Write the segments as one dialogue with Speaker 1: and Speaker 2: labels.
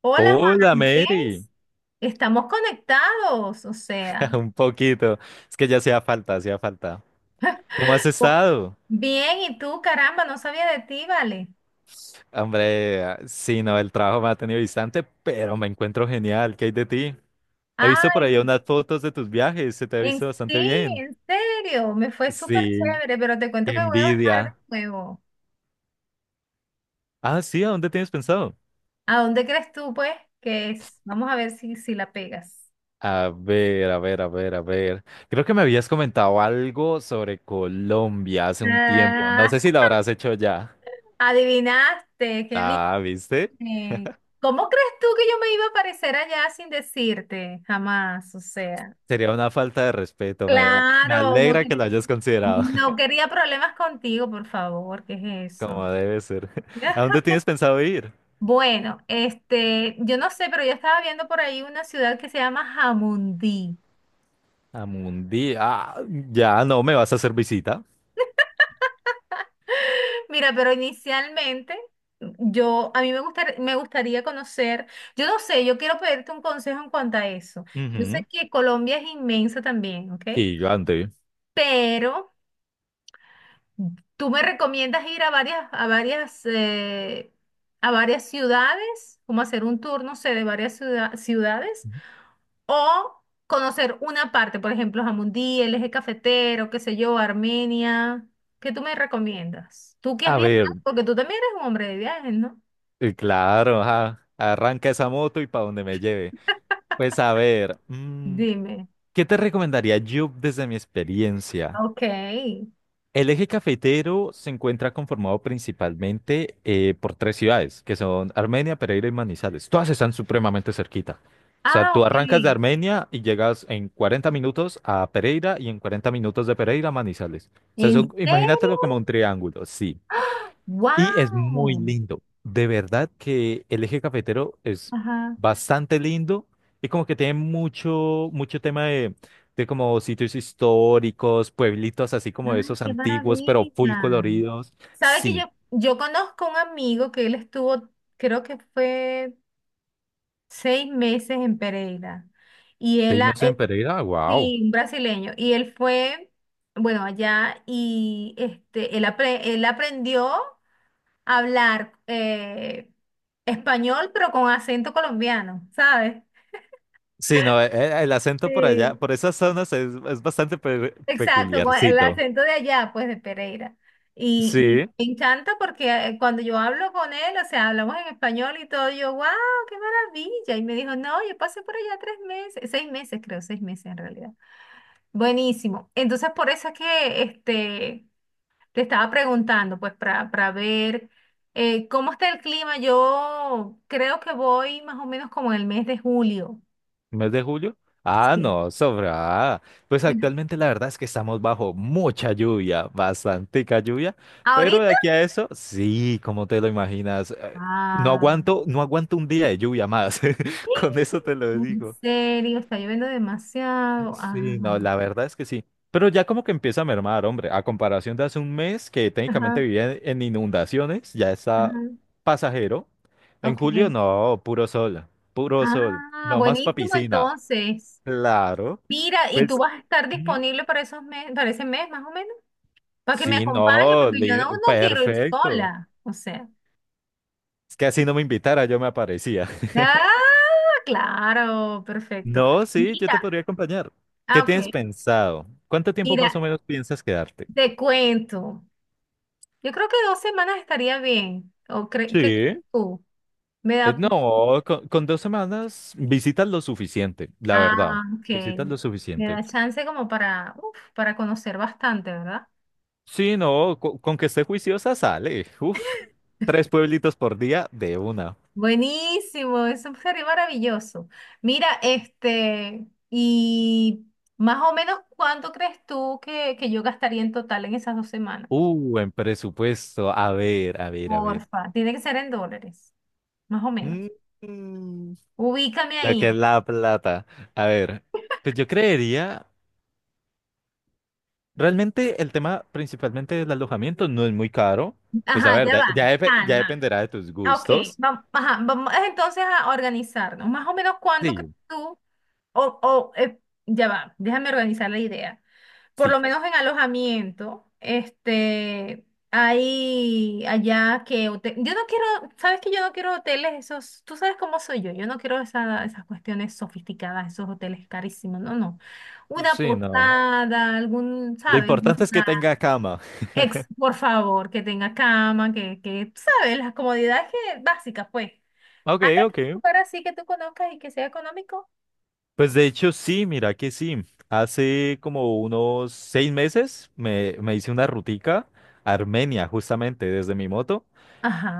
Speaker 1: Hola
Speaker 2: Hola,
Speaker 1: Juan
Speaker 2: Mary.
Speaker 1: Andrés, estamos conectados, o sea,
Speaker 2: Un poquito. Es que ya hacía falta, hacía falta. ¿Cómo has
Speaker 1: po-
Speaker 2: estado?
Speaker 1: bien, y tú, caramba, no sabía de ti, vale.
Speaker 2: Hombre, sí, no, el trabajo me ha tenido distante, pero me encuentro genial. ¿Qué hay de ti? He visto por
Speaker 1: Ay,
Speaker 2: ahí unas fotos de tus viajes, se te ha
Speaker 1: en
Speaker 2: visto bastante
Speaker 1: sí,
Speaker 2: bien.
Speaker 1: en serio, me fue súper
Speaker 2: Sí,
Speaker 1: chévere, pero te cuento
Speaker 2: qué
Speaker 1: que voy a bajar
Speaker 2: envidia.
Speaker 1: de nuevo.
Speaker 2: Ah, sí, ¿a dónde tienes pensado?
Speaker 1: ¿A dónde crees tú, pues, que es? Vamos a ver si la pegas.
Speaker 2: A ver, a ver, a ver, a ver. Creo que me habías comentado algo sobre Colombia hace un tiempo. No sé
Speaker 1: Ah,
Speaker 2: si lo habrás hecho ya.
Speaker 1: adivinaste, qué
Speaker 2: Ah, ¿viste?
Speaker 1: bien. ¿Cómo crees tú que yo me iba a aparecer allá sin decirte? Jamás, o sea.
Speaker 2: Sería una falta de respeto. Me
Speaker 1: Claro,
Speaker 2: alegra que lo hayas considerado
Speaker 1: no quería problemas contigo, por favor, ¿qué es eso?
Speaker 2: como debe ser. ¿A dónde tienes pensado ir?
Speaker 1: Bueno, este, yo no sé, pero yo estaba viendo por ahí una ciudad que se llama Jamundí.
Speaker 2: A Mundi. Ah, ya no me vas a hacer visita.
Speaker 1: Mira, pero inicialmente yo, a mí me gustar- me gustaría conocer, yo no sé, yo quiero pedirte un consejo en cuanto a eso. Yo
Speaker 2: Ujú.
Speaker 1: sé que Colombia es inmensa también, ¿ok?
Speaker 2: Gigante.
Speaker 1: Pero ¿tú me recomiendas ir a varias, a varias ciudades, como hacer un tour, no sé, de varias ciudades, o conocer una parte, por ejemplo, Jamundí, el eje cafetero, qué sé yo, Armenia? ¿Qué tú me recomiendas? Tú que has
Speaker 2: A
Speaker 1: viajado,
Speaker 2: ver,
Speaker 1: porque tú también eres un hombre de viajes, ¿no?
Speaker 2: claro, ajá, arranca esa moto y para donde me lleve. Pues a ver,
Speaker 1: Dime.
Speaker 2: ¿qué te recomendaría yo desde mi experiencia?
Speaker 1: Ok.
Speaker 2: El eje cafetero se encuentra conformado principalmente por tres ciudades, que son Armenia, Pereira y Manizales. Todas están supremamente cerquita. O sea,
Speaker 1: Ah,
Speaker 2: tú arrancas de
Speaker 1: ok.
Speaker 2: Armenia y llegas en 40 minutos a Pereira y en 40 minutos de Pereira a Manizales. O sea,
Speaker 1: ¿En
Speaker 2: eso, imagínatelo como un
Speaker 1: serio?
Speaker 2: triángulo, sí.
Speaker 1: ¡Ah!
Speaker 2: Y es muy
Speaker 1: ¡Wow!
Speaker 2: lindo. De verdad que el eje cafetero es
Speaker 1: Ajá.
Speaker 2: bastante lindo y como que tiene mucho, mucho tema de como sitios históricos, pueblitos así como
Speaker 1: ¡Ay,
Speaker 2: esos
Speaker 1: qué
Speaker 2: antiguos, pero
Speaker 1: maravilla!
Speaker 2: full coloridos.
Speaker 1: Sabe que yo,
Speaker 2: Sí.
Speaker 1: yo conozco un amigo que él estuvo, creo que fue 6 meses en Pereira. Y él,
Speaker 2: Seis
Speaker 1: a
Speaker 2: meses en Pereira, wow.
Speaker 1: sí, un brasileño. Y él fue, bueno, allá y este, él, él aprendió a hablar español, pero con acento colombiano, ¿sabes?
Speaker 2: Sí, no, el acento por allá,
Speaker 1: Sí.
Speaker 2: por esas zonas es bastante
Speaker 1: Exacto, con el
Speaker 2: peculiarcito.
Speaker 1: acento de allá, pues de Pereira. Y,
Speaker 2: Sí.
Speaker 1: y me encanta porque cuando yo hablo con él, o sea, hablamos en español y todo, yo, wow, qué maravilla. Y me dijo, no, yo pasé por allá 3 meses, 6 meses creo, 6 meses en realidad. Buenísimo. Entonces, por eso es que este, te estaba preguntando, pues, para ver cómo está el clima. Yo creo que voy más o menos como en el mes de julio.
Speaker 2: ¿Mes de julio? Ah,
Speaker 1: Sí.
Speaker 2: no, sobra. Pues actualmente la verdad es que estamos bajo mucha lluvia, bastantica lluvia, pero de
Speaker 1: ¿Ahorita?
Speaker 2: aquí a eso, sí, como te lo imaginas, no
Speaker 1: Ah.
Speaker 2: aguanto, no aguanto un día de lluvia más. Con eso te lo
Speaker 1: En
Speaker 2: digo.
Speaker 1: serio, está lloviendo demasiado. Ah,
Speaker 2: Sí, no, la verdad es que sí. Pero ya como que empieza a mermar, hombre, a comparación de hace un mes que técnicamente
Speaker 1: ajá,
Speaker 2: vivía en inundaciones, ya está
Speaker 1: ajá.
Speaker 2: pasajero. En
Speaker 1: Ok.
Speaker 2: julio, no, puro sol,
Speaker 1: Ah,
Speaker 2: no más pa'
Speaker 1: buenísimo
Speaker 2: piscina.
Speaker 1: entonces.
Speaker 2: Claro.
Speaker 1: Mira, ¿y tú
Speaker 2: Pues
Speaker 1: vas a estar
Speaker 2: ujú.
Speaker 1: disponible para esos mes, para ese mes más o menos? Para que me
Speaker 2: Sí,
Speaker 1: acompañe,
Speaker 2: no,
Speaker 1: porque yo
Speaker 2: líder,
Speaker 1: no quiero ir
Speaker 2: perfecto.
Speaker 1: sola. O sea.
Speaker 2: Es que así no me invitara, yo me aparecía.
Speaker 1: Ah, claro, perfecto.
Speaker 2: No, sí, yo te
Speaker 1: Mira,
Speaker 2: podría acompañar.
Speaker 1: ah,
Speaker 2: ¿Qué
Speaker 1: ok.
Speaker 2: tienes pensado? ¿Cuánto tiempo más
Speaker 1: Mira,
Speaker 2: o menos piensas quedarte?
Speaker 1: te cuento. Yo creo que 2 semanas estaría bien. ¿O qué crees
Speaker 2: Sí.
Speaker 1: tú? Me
Speaker 2: Eh,
Speaker 1: da,
Speaker 2: No, con 2 semanas visitas lo suficiente, la verdad.
Speaker 1: ah, ok.
Speaker 2: Visitas lo
Speaker 1: Me
Speaker 2: suficiente.
Speaker 1: da chance como para, uf, para conocer bastante, ¿verdad?
Speaker 2: Sí, no, con, que esté juiciosa sale. Uf, tres pueblitos por día de una.
Speaker 1: Buenísimo, eso sería maravilloso. Mira, este, y más o menos, ¿cuánto crees tú que yo gastaría en total en esas 2 semanas?
Speaker 2: En presupuesto. A ver, a ver, a ver.
Speaker 1: Porfa, tiene que ser en dólares, más o menos.
Speaker 2: Mm,
Speaker 1: Ubícame
Speaker 2: Lo que es
Speaker 1: ahí.
Speaker 2: la plata. A ver, pues yo creería, realmente el tema principalmente del alojamiento no es muy caro. Pues a
Speaker 1: Ajá,
Speaker 2: ver,
Speaker 1: ya va.
Speaker 2: ya, ya
Speaker 1: Calma.
Speaker 2: dependerá de tus
Speaker 1: Ah, ok,
Speaker 2: gustos.
Speaker 1: vamos, ajá, vamos entonces a organizarnos. Más o menos cuánto que
Speaker 2: Sí,
Speaker 1: tú, o, o, eh, ya va, déjame organizar la idea. Por
Speaker 2: sí.
Speaker 1: lo menos en alojamiento, este, hay allá que yo no quiero, sabes que yo no quiero hoteles esos, tú sabes cómo soy yo, yo no quiero esas cuestiones sofisticadas, esos hoteles carísimos, no, no. Una
Speaker 2: Sí, no.
Speaker 1: posada, algún,
Speaker 2: Lo
Speaker 1: ¿sabes?
Speaker 2: importante es que tenga cama.
Speaker 1: Ex, por favor, que tenga cama, tú sabes, las comodidades que, básicas, pues.
Speaker 2: Ok,
Speaker 1: Hay
Speaker 2: ok.
Speaker 1: algún lugar así que tú conozcas y que sea económico.
Speaker 2: Pues de hecho sí, mira que sí. Hace como unos 6 meses me hice una rutica a Armenia, justamente desde mi moto.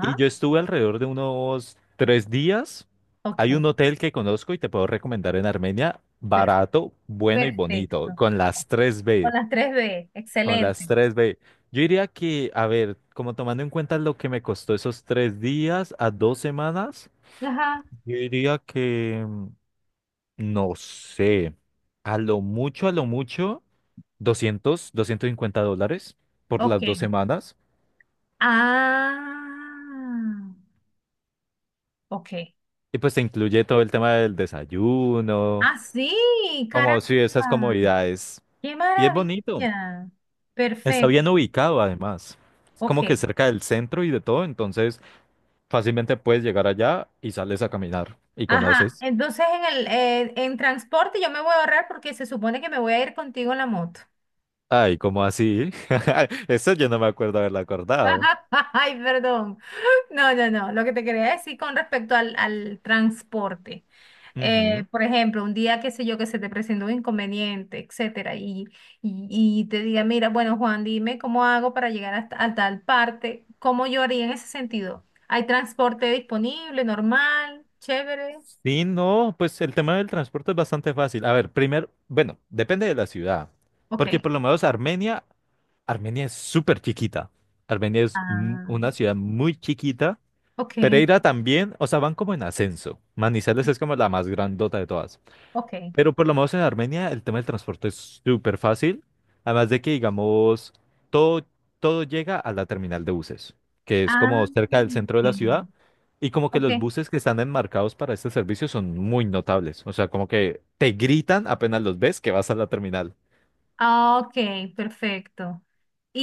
Speaker 2: Y yo estuve alrededor de unos 3 días. Hay
Speaker 1: ok,
Speaker 2: un hotel que conozco y te puedo recomendar en Armenia,
Speaker 1: per-
Speaker 2: barato, bueno y bonito,
Speaker 1: perfecto.
Speaker 2: con las tres
Speaker 1: Con
Speaker 2: b.
Speaker 1: las tres b
Speaker 2: Con las
Speaker 1: excelente.
Speaker 2: tres b. Yo diría que, a ver, como tomando en cuenta lo que me costó esos 3 días a 2 semanas,
Speaker 1: Ajá,
Speaker 2: yo diría que, no sé, a lo mucho, $250 por
Speaker 1: ok.
Speaker 2: las 2 semanas.
Speaker 1: Ah, ok.
Speaker 2: Y pues te incluye todo el tema del desayuno.
Speaker 1: Ah, sí,
Speaker 2: Como
Speaker 1: caramba.
Speaker 2: si esas comodidades.
Speaker 1: Qué
Speaker 2: Y es bonito.
Speaker 1: maravilla.
Speaker 2: Está bien
Speaker 1: Perfecto,
Speaker 2: ubicado además. Es como que
Speaker 1: ok.
Speaker 2: cerca del centro y de todo, entonces fácilmente puedes llegar allá y sales a caminar y
Speaker 1: Ajá,
Speaker 2: conoces.
Speaker 1: entonces en el en transporte yo me voy a ahorrar porque se supone que me voy a ir contigo en la moto.
Speaker 2: Ay, ¿cómo así? Eso yo no me acuerdo haberlo acordado.
Speaker 1: Ay, perdón. No, no, no. Lo que te quería decir con respecto al transporte.
Speaker 2: Ujú.
Speaker 1: Por ejemplo, un día, qué sé yo, que se te presentó un inconveniente, etcétera, y te diga, mira, bueno, Juan, dime cómo hago para llegar hasta, a tal parte, ¿cómo yo haría en ese sentido? ¿Hay transporte disponible, normal, chévere?
Speaker 2: Sí, no, pues el tema del transporte es bastante fácil. A ver, primero, bueno, depende de la ciudad,
Speaker 1: Ok.
Speaker 2: porque por lo menos Armenia, Armenia es súper chiquita. Armenia es
Speaker 1: Ah,
Speaker 2: una ciudad muy chiquita.
Speaker 1: ok,
Speaker 2: Pereira también, o sea, van como en ascenso. Manizales es como la más grandota de todas.
Speaker 1: ok.
Speaker 2: Pero por lo menos en Armenia el tema del transporte es súper fácil. Además de que, digamos, todo, todo llega a la terminal de buses, que es
Speaker 1: Ah,
Speaker 2: como cerca del centro de la
Speaker 1: ok.
Speaker 2: ciudad. Y como que
Speaker 1: Ok,
Speaker 2: los buses que están enmarcados para este servicio son muy notables. O sea, como que te gritan apenas los ves que vas a la terminal.
Speaker 1: ah, ok, perfecto.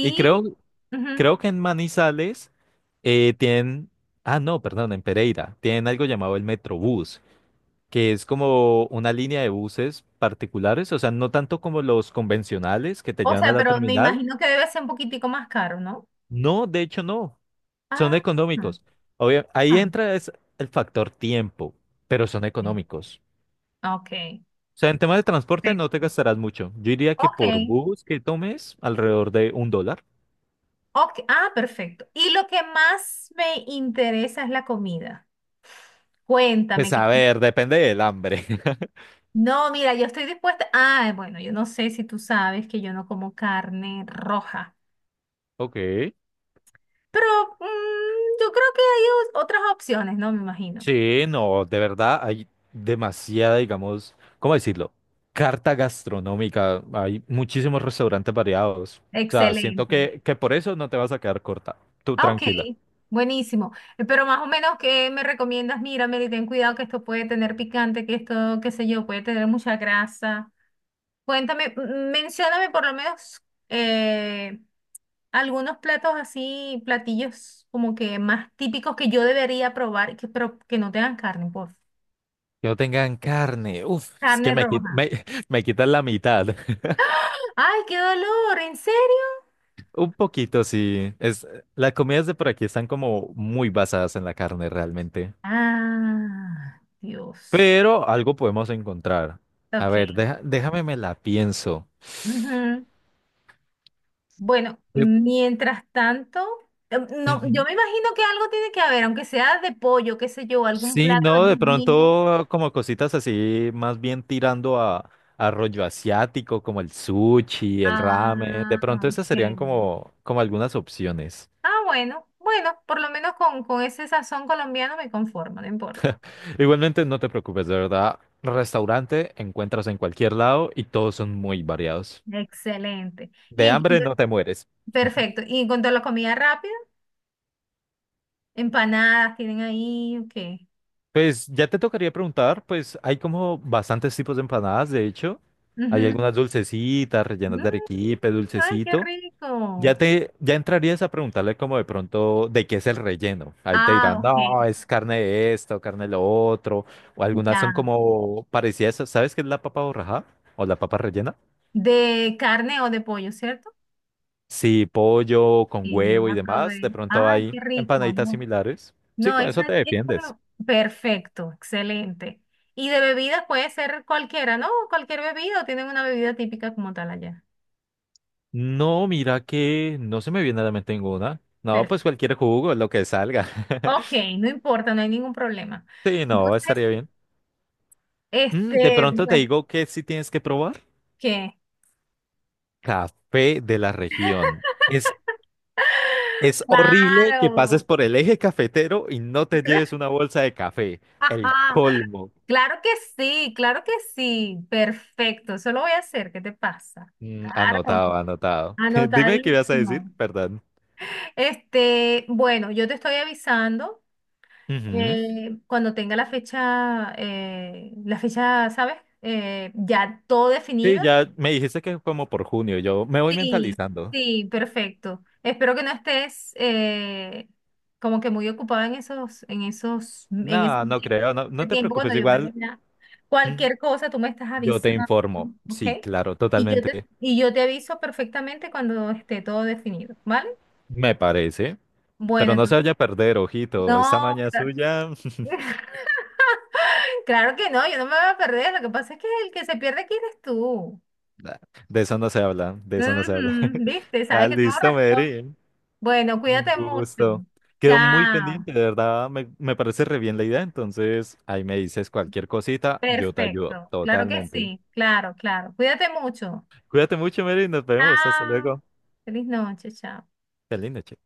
Speaker 2: Y creo,
Speaker 1: ujú.
Speaker 2: creo que en Manizales tienen... Ah, no, perdón, en Pereira. Tienen algo llamado el Metrobús, que es como una línea de buses particulares, o sea, no tanto como los convencionales que te
Speaker 1: O
Speaker 2: llevan a
Speaker 1: sea,
Speaker 2: la
Speaker 1: pero me
Speaker 2: terminal.
Speaker 1: imagino que debe ser un poquitico más caro, ¿no?
Speaker 2: No, de hecho no, son
Speaker 1: Ah,
Speaker 2: económicos. Obvio, ahí
Speaker 1: ah,
Speaker 2: entra es el factor tiempo, pero son económicos.
Speaker 1: ok, ok,
Speaker 2: O sea, en tema de transporte no te
Speaker 1: perfecto.
Speaker 2: gastarás mucho. Yo diría que
Speaker 1: Ok,
Speaker 2: por bus que tomes, alrededor de $1.
Speaker 1: ok, ah, perfecto. Y lo que más me interesa es la comida. Cuéntame
Speaker 2: Pues
Speaker 1: que...
Speaker 2: a ver, depende del hambre.
Speaker 1: No, mira, yo estoy dispuesta. Ah, bueno, yo no sé si tú sabes que yo no como carne roja,
Speaker 2: Ok.
Speaker 1: pero mm, yo creo que hay otras opciones, ¿no? Me imagino.
Speaker 2: Sí, no, de verdad hay demasiada, digamos, ¿cómo decirlo? Carta gastronómica, hay muchísimos restaurantes variados. O sea, siento
Speaker 1: Excelente.
Speaker 2: que por eso no te vas a quedar corta. Tú
Speaker 1: Ah, ok,
Speaker 2: tranquila.
Speaker 1: buenísimo. Pero más o menos, ¿qué me recomiendas? Mira, Mary, ten cuidado que esto puede tener picante, que esto, qué sé yo, puede tener mucha grasa. Cuéntame, mencióname por lo menos eh, algunos platos así, platillos como que más típicos que yo debería probar, y que, pero que no tengan carne, por favor.
Speaker 2: Que no tengan carne. Uf, es que
Speaker 1: Carne
Speaker 2: me,
Speaker 1: roja.
Speaker 2: me, me quitan la mitad.
Speaker 1: ¡Ay, qué dolor! ¿En serio?
Speaker 2: Un poquito, sí. Es, las comidas de por aquí están como muy basadas en la carne realmente.
Speaker 1: Ah, Dios.
Speaker 2: Pero algo podemos encontrar. A
Speaker 1: Ok.
Speaker 2: ver, déjame me la pienso.
Speaker 1: Bueno,
Speaker 2: Yo-
Speaker 1: mientras tanto, no, yo
Speaker 2: Ujú.
Speaker 1: me imagino que algo tiene que haber, aunque sea de pollo, qué sé yo, algún
Speaker 2: Sí,
Speaker 1: plato
Speaker 2: no, de
Speaker 1: divino.
Speaker 2: pronto como cositas así, más bien tirando a rollo asiático, como el sushi, el ramen.
Speaker 1: Ah,
Speaker 2: De pronto esas
Speaker 1: ok.
Speaker 2: serían como algunas opciones.
Speaker 1: Ah, bueno, bueno, por lo menos con ese sazón colombiano me conformo, no importa.
Speaker 2: Igualmente, no te preocupes, de verdad. Restaurante encuentras en cualquier lado y todos son muy variados.
Speaker 1: Excelente. Y
Speaker 2: De
Speaker 1: en
Speaker 2: hambre
Speaker 1: cuanto-
Speaker 2: no te mueres.
Speaker 1: perfecto. Y en cuanto a la comida rápida, empanadas tienen ahí, ok.
Speaker 2: Pues ya te tocaría preguntar, pues hay como bastantes tipos de empanadas, de hecho. Hay
Speaker 1: Ujú.
Speaker 2: algunas dulcecitas, rellenas
Speaker 1: Mm,
Speaker 2: de arequipe,
Speaker 1: ay, qué
Speaker 2: dulcecito.
Speaker 1: rico.
Speaker 2: Ya te, ya entrarías a preguntarle como de pronto de qué es el relleno. Ahí te
Speaker 1: Ah,
Speaker 2: dirán,
Speaker 1: ok.
Speaker 2: no, es carne de esto, carne de lo otro, o algunas son
Speaker 1: Ya.
Speaker 2: como parecidas. ¿Sabes qué es la papa borraja? ¿O la papa rellena?
Speaker 1: ¿De carne o de pollo, cierto?
Speaker 2: Sí, pollo con
Speaker 1: Sí, yo
Speaker 2: huevo y
Speaker 1: la
Speaker 2: demás. De
Speaker 1: probé.
Speaker 2: pronto
Speaker 1: Ay,
Speaker 2: hay
Speaker 1: qué rico,
Speaker 2: empanaditas
Speaker 1: no.
Speaker 2: similares. Sí,
Speaker 1: No,
Speaker 2: con
Speaker 1: esa
Speaker 2: eso te
Speaker 1: es
Speaker 2: defiendes.
Speaker 1: como perfecto, excelente. Y de bebidas puede ser cualquiera, ¿no? Cualquier bebida o tienen una bebida típica como tal allá.
Speaker 2: No, mira que no se me viene a la mente ninguna. No, pues
Speaker 1: Perfecto.
Speaker 2: cualquier jugo, lo que salga.
Speaker 1: Ok, no importa, no hay ningún problema.
Speaker 2: Sí, no,
Speaker 1: Entonces,
Speaker 2: estaría bien. De
Speaker 1: este,
Speaker 2: pronto te
Speaker 1: pues,
Speaker 2: digo que sí tienes que probar.
Speaker 1: ¿qué?
Speaker 2: Café de la región. Es horrible que pases
Speaker 1: Claro.
Speaker 2: por el eje cafetero y no te lleves una bolsa de café. El colmo.
Speaker 1: Claro que sí, claro que sí. Perfecto, eso lo voy a hacer. ¿Qué te pasa? Claro,
Speaker 2: Anotado, anotado. Dime qué ibas a decir,
Speaker 1: anotadísimo.
Speaker 2: perdón.
Speaker 1: Este, bueno, yo te estoy avisando
Speaker 2: Ujú.
Speaker 1: cuando tenga la fecha, ¿sabes? Ya todo definido.
Speaker 2: Sí, ya me dijiste que como por junio, yo me voy
Speaker 1: Sí,
Speaker 2: mentalizando.
Speaker 1: sí, perfecto. Espero que no estés como que muy ocupada en esos,
Speaker 2: No,
Speaker 1: en
Speaker 2: no creo, no, no
Speaker 1: ese
Speaker 2: te
Speaker 1: tiempo
Speaker 2: preocupes,
Speaker 1: cuando yo
Speaker 2: igual
Speaker 1: mañana.
Speaker 2: mm,
Speaker 1: Cualquier cosa tú me estás
Speaker 2: yo te
Speaker 1: avisando,
Speaker 2: informo.
Speaker 1: ¿ok?
Speaker 2: Sí, claro, totalmente.
Speaker 1: Y yo te aviso perfectamente cuando esté todo definido, ¿vale?
Speaker 2: Me parece.
Speaker 1: Bueno,
Speaker 2: Pero no se
Speaker 1: entonces,
Speaker 2: vaya a perder, ojito. Esa
Speaker 1: no,
Speaker 2: maña
Speaker 1: claro.
Speaker 2: suya,
Speaker 1: Claro que no, yo no me voy a perder. Lo que pasa es que el que se pierde aquí eres tú.
Speaker 2: nah, de eso no se habla, de eso no se habla.
Speaker 1: Ujú, ¿viste?
Speaker 2: Ah,
Speaker 1: Sabes que tengo
Speaker 2: listo,
Speaker 1: razón.
Speaker 2: Mary.
Speaker 1: Bueno,
Speaker 2: Un
Speaker 1: cuídate mucho.
Speaker 2: gusto. Quedó muy
Speaker 1: Chao.
Speaker 2: pendiente, de verdad, me parece re bien la idea, entonces ahí me dices cualquier cosita, yo te ayudo
Speaker 1: Perfecto. Claro que
Speaker 2: totalmente.
Speaker 1: sí. Claro, claro. Cuídate mucho.
Speaker 2: Cuídate mucho, Mary, nos vemos, hasta
Speaker 1: Chao.
Speaker 2: luego.
Speaker 1: Feliz noche. Chao.
Speaker 2: Qué linda, che.